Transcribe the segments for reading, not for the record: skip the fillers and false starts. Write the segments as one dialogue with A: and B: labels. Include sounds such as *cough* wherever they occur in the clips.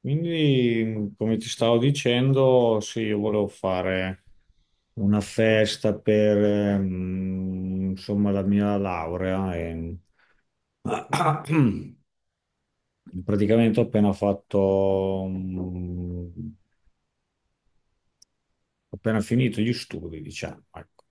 A: Quindi, come ti stavo dicendo, sì, io volevo fare una festa per, insomma, la mia laurea. E... *clears throat* Praticamente ho appena finito gli studi, diciamo. Ecco.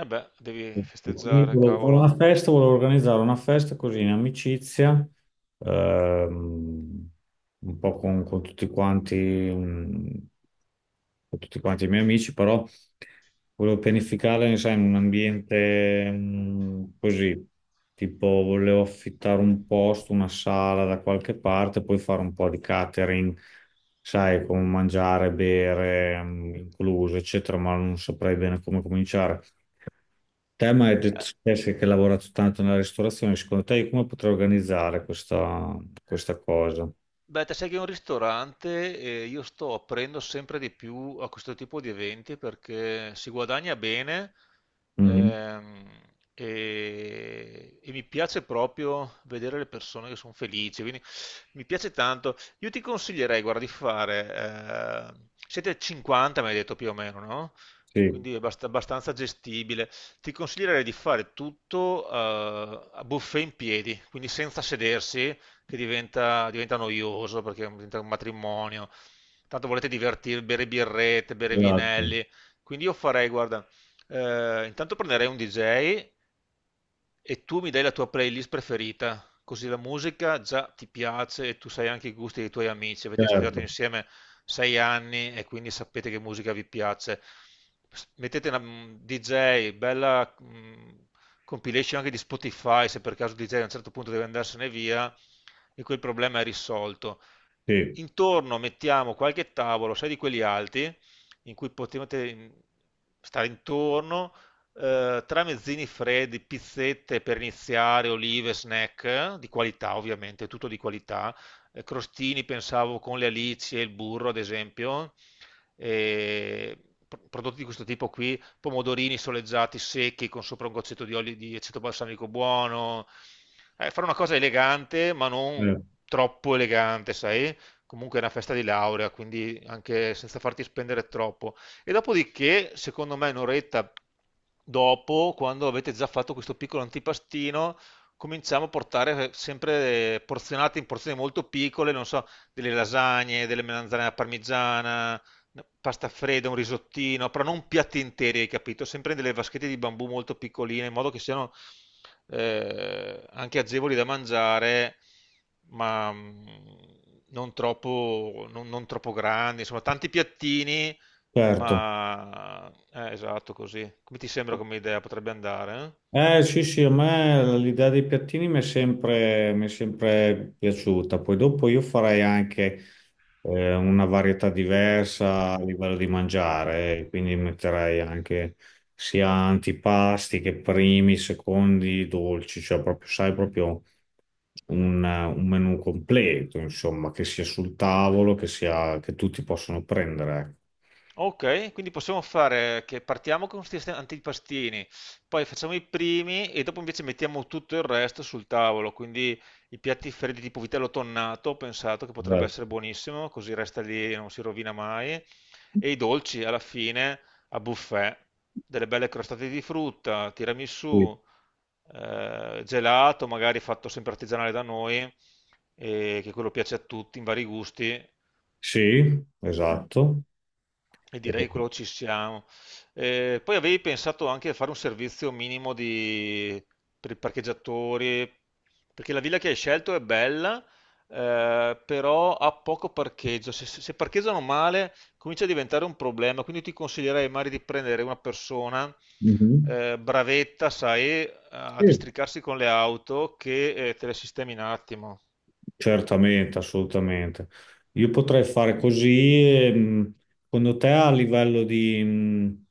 B: Eh beh, devi
A: Quindi
B: festeggiare,
A: volevo fare
B: cavolo.
A: una festa, volevo organizzare una festa così in amicizia, ehm, un po' con tutti quanti, con tutti quanti i miei amici, però volevo pianificarla, sai, in un ambiente, così, tipo volevo affittare un posto, una sala da qualche parte, poi fare un po' di catering, sai, con mangiare, bere, incluso, eccetera, ma non saprei bene come cominciare. Te mi hai detto
B: Eh,
A: Jessica, che hai lavorato tanto nella ristorazione, secondo te io come potrei organizzare questa cosa?
B: Beh, te sai che è un ristorante e io sto aprendo sempre di più a questo tipo di eventi perché si guadagna bene
A: Mhm.
B: ehm, e mi piace proprio vedere le persone che sono felici, quindi mi piace tanto. Io ti consiglierei, guarda, di fare, siete 50, mi hai detto più o meno, no?
A: Sì,
B: Quindi è abbastanza gestibile. Ti consiglierei di fare tutto a buffet in piedi, quindi senza sedersi che diventa noioso perché diventa un matrimonio. Tanto volete divertirvi, bere birrette, bere
A: esatto,
B: vinelli. Quindi io farei, guarda, intanto prenderei un DJ e tu mi dai la tua playlist preferita, così la musica già ti piace e tu sai anche i gusti dei tuoi amici. Avete studiato
A: certo,
B: insieme sei anni e quindi sapete che musica vi piace. Mettete una DJ, bella compilation anche di Spotify, se per caso DJ a un certo punto deve andarsene via e quel problema è risolto.
A: sì,
B: Intorno mettiamo qualche tavolo, sai di quelli alti, in cui potete stare intorno tramezzini freddi, pizzette per iniziare, olive, snack di qualità, ovviamente, tutto di qualità. Crostini, pensavo con le alici e il burro, ad esempio. E prodotti di questo tipo qui, pomodorini soleggiati secchi con sopra un goccetto di olio di aceto balsamico buono. Fare una cosa elegante, ma non
A: eh,
B: troppo elegante, sai? Comunque è una festa di laurea, quindi anche senza farti spendere troppo. E dopodiché, secondo me, un'oretta dopo, quando avete già fatto questo piccolo antipastino, cominciamo a portare sempre porzionate in porzioni molto piccole, non so, delle lasagne, delle melanzane alla parmigiana, no, pasta fredda, un risottino, però non piatti interi, hai capito? Sempre delle vaschette di bambù molto piccoline, in modo che siano anche agevoli da mangiare, ma non troppo, non troppo grandi, insomma, tanti piattini
A: certo.
B: ma esatto, così. Come ti sembra come idea? Potrebbe andare, eh?
A: Eh sì, sì, a me l'idea dei piattini mi è sempre piaciuta, poi dopo io farei anche una varietà diversa a livello di mangiare, quindi metterei anche sia antipasti che primi, secondi, dolci, cioè proprio, sai, proprio un menù completo, insomma, che sia sul tavolo, che tutti possono prendere. Ecco.
B: Ok, quindi possiamo fare che partiamo con questi antipastini, poi facciamo i primi e dopo invece mettiamo tutto il resto sul tavolo, quindi i piatti freddi tipo vitello tonnato, ho pensato che potrebbe essere
A: Esatto.
B: buonissimo, così resta lì e non si rovina mai, e i dolci alla fine a buffet, delle belle crostate di frutta,
A: Sì,
B: tiramisù, gelato, magari fatto sempre artigianale da noi, e che quello piace a tutti in vari gusti.
A: sì, esatto.
B: E
A: Eh,
B: direi che quello ci siamo. Poi avevi pensato anche a fare un servizio minimo per i parcheggiatori, perché la villa che hai scelto è bella, però ha poco parcheggio. Se parcheggiano male comincia a diventare un problema, quindi ti consiglierei magari di prendere una persona
A: mhm.
B: bravetta, sai, a
A: Sì,
B: districarsi con le auto che te le sistemi in un attimo.
A: certamente, assolutamente. Io potrei fare così, secondo te a livello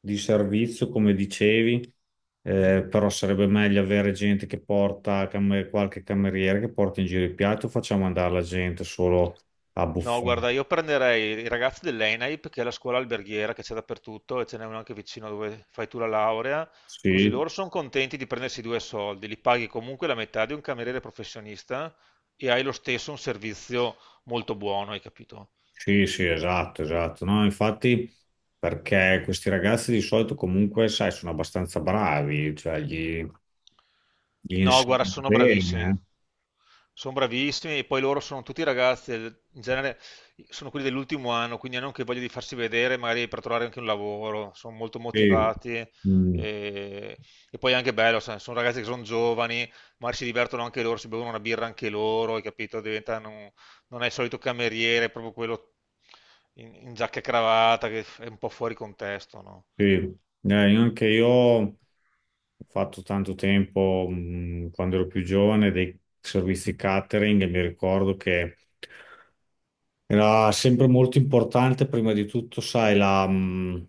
A: di servizio, come dicevi, però sarebbe meglio avere gente che qualche cameriere che porta in giro i piatti o facciamo andare la gente solo a
B: No,
A: buffet?
B: guarda, io prenderei i ragazzi dell'ENAIP, che è la scuola alberghiera che c'è dappertutto e ce n'è una anche vicino dove fai tu la laurea, così
A: Sì,
B: loro sono contenti di prendersi due soldi, li paghi comunque la metà di un cameriere professionista e hai lo stesso un servizio molto buono, hai capito?
A: sì, sì, esatto, esatto. No, infatti, perché questi ragazzi di solito comunque, sai, sono abbastanza bravi, gli
B: No, guarda,
A: insegnano
B: sono bravissimi.
A: bene.
B: Sono bravissimi e poi loro sono tutti ragazzi, in genere sono quelli dell'ultimo anno, quindi hanno anche voglia di farsi vedere, magari per trovare anche un lavoro, sono molto
A: Eh.
B: motivati
A: Sì,
B: e poi è anche bello, sai, sono ragazzi che sono giovani, magari si divertono anche loro, si bevono una birra anche loro, hai capito? Diventano, non è il solito cameriere, è proprio quello in giacca e cravatta che è un po' fuori contesto, no?
A: sì. Io anche io ho fatto tanto tempo, quando ero più giovane, dei servizi catering e mi ricordo che era sempre molto importante, prima di tutto, sai,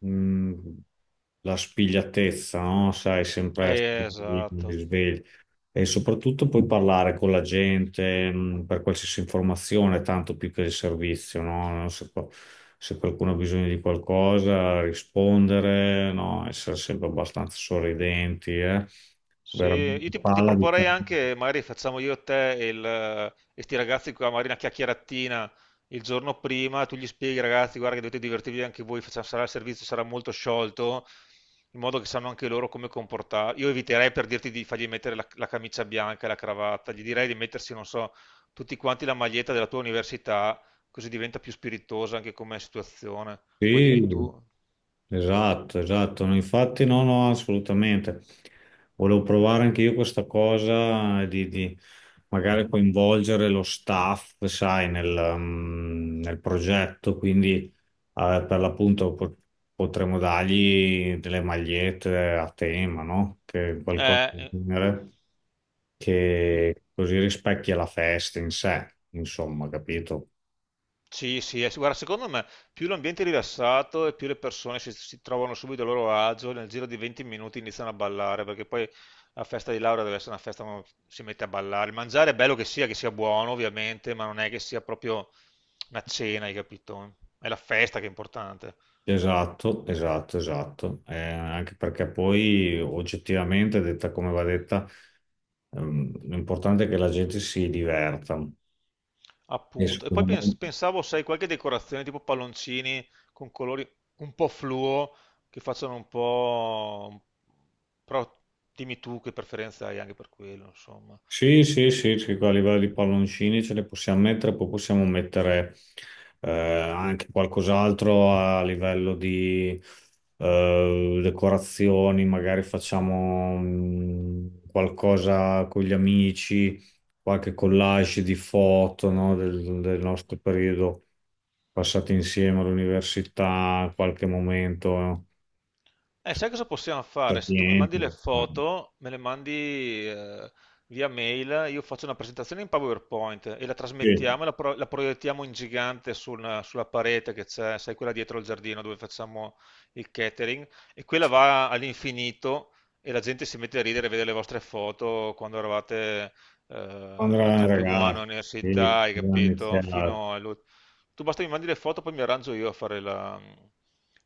A: mh, la spigliatezza, no? Sai, sempre essere lì,
B: Esatto.
A: svegli. E soprattutto poi parlare con la gente, per qualsiasi informazione, tanto più che il servizio, no? Se qualcuno ha bisogno di qualcosa, rispondere, no? Essere sempre abbastanza sorridenti, eh?
B: Sì,
A: Veramente
B: ti
A: palla di...
B: proporrei anche, magari facciamo io e te e il, e sti ragazzi qua, magari una chiacchieratina il giorno prima, tu gli spieghi ragazzi, guarda che dovete divertirvi anche voi, sarà il servizio, sarà molto sciolto, in modo che sanno anche loro come comportarsi. Io eviterei per dirti di fargli mettere la camicia bianca e la cravatta, gli direi di mettersi, non so, tutti quanti la maglietta della tua università, così diventa più spiritosa anche come situazione. Poi dimmi
A: Sì,
B: tu.
A: esatto, esatto, no, infatti no, no, assolutamente. Volevo provare anche io questa cosa di magari coinvolgere lo staff, sai, nel progetto, quindi per l'appunto potremmo dargli delle magliette a tema, no? Che qualcosa del
B: Eh,
A: genere
B: io-
A: che così rispecchia la festa in sé, insomma, capito?
B: Sì, sì, sì, guarda, secondo me più l'ambiente è rilassato e più le persone si trovano subito a loro agio, nel giro di 20 minuti iniziano a ballare, perché poi la festa di laurea deve essere una festa dove si mette a ballare. Il mangiare è bello che sia buono ovviamente, ma non è che sia proprio una cena, hai capito? È la festa che è importante,
A: Esatto, esatto, esatto. Anche perché poi oggettivamente, detta come va detta, l'importante è che la gente si diverta. E
B: appunto. E poi
A: secondo me
B: pensavo, sai, qualche decorazione tipo palloncini con colori un po' fluo, che facciano un po'... Però dimmi tu che preferenza hai anche per quello, insomma.
A: sì, sì, sì, sì, qua a livello di palloncini ce ne possiamo mettere, poi possiamo mettere anche qualcos'altro a livello di decorazioni, magari facciamo qualcosa con gli amici, qualche collage di foto, no, del nostro periodo passato insieme all'università, qualche momento,
B: Sai cosa possiamo fare? Se tu mi mandi
A: niente.
B: le
A: Eh.
B: foto, me le mandi via mail, io faccio una presentazione in PowerPoint e la
A: Sì,
B: trasmettiamo e la proiettiamo in gigante sulla parete che c'è, sai, quella dietro il giardino dove facciamo il catering, e quella
A: sì,
B: va all'infinito e la gente si mette a ridere e vede le vostre foto quando eravate eh,
A: quando
B: anche
A: eravamo
B: al primo anno
A: ragazzi, sì,
B: all'università, hai
A: quando
B: capito?
A: iniziato.
B: Fino tu basta che mi mandi le foto, poi mi arrangio io a fare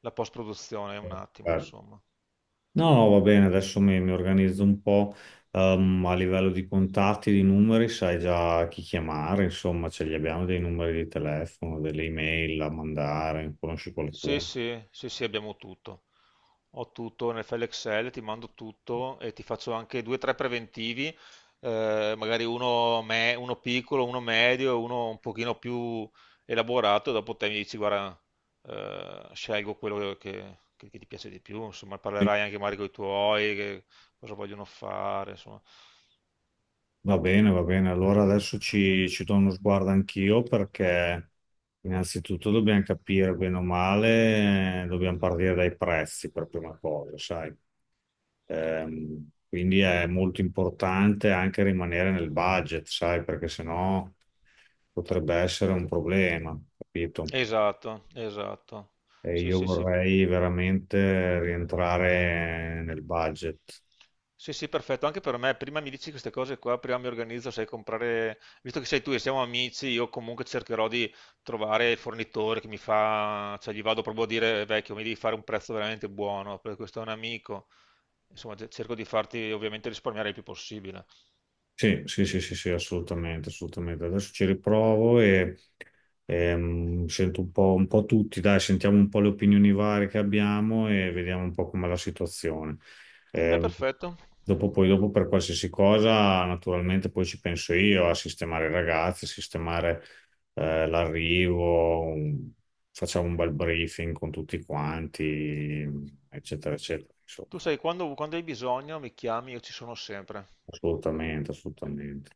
B: la post-produzione, un attimo,
A: Certo.
B: insomma.
A: No, va bene, adesso mi organizzo un po' a livello di contatti, di numeri, sai già chi chiamare, insomma, ce li abbiamo dei numeri di telefono, delle email da mandare, conosci
B: Sì,
A: qualcuno?
B: sì, sì, sì, abbiamo tutto. Ho tutto nel file Excel, ti mando tutto e ti faccio anche due o tre preventivi, magari uno, uno piccolo, uno medio e uno un pochino più elaborato. Dopo te mi dici, guarda, scelgo quello che ti piace di più. Insomma,
A: Sì,
B: parlerai anche magari con i tuoi, che cosa vogliono fare, insomma.
A: va bene, va bene. Allora adesso ci do uno sguardo anch'io perché innanzitutto dobbiamo capire bene o male, dobbiamo partire dai prezzi per prima cosa, sai? Quindi è molto importante anche rimanere nel budget, sai, perché sennò potrebbe essere un problema, capito?
B: Esatto, esatto.
A: E
B: Sì,
A: io
B: sì, sì.
A: vorrei veramente rientrare nel budget.
B: Sì, sì, perfetto, anche per me. Prima mi dici queste cose qua, prima mi organizzo, sai, comprare, visto che sei tu e siamo amici, io comunque cercherò di trovare il fornitore che mi fa, cioè gli vado proprio a dire, vecchio, mi devi fare un prezzo veramente buono, perché questo è un amico. Insomma, cerco di farti ovviamente risparmiare il più possibile.
A: Sì, sì, sì, sì, sì, assolutamente, assolutamente. Adesso ci riprovo e, sento un po' tutti, dai, sentiamo un po' le opinioni varie che abbiamo e vediamo un po' com'è la situazione.
B: È
A: Ehm,
B: perfetto.
A: Dopo, dopo per qualsiasi cosa, naturalmente poi ci penso io a sistemare i ragazzi, a sistemare, eh, l'arrivo, un- facciamo un bel briefing con tutti quanti, eccetera, eccetera. Insomma,
B: Tu sai, quando hai bisogno mi chiami, io ci sono sempre.
A: assolutamente, assolutamente.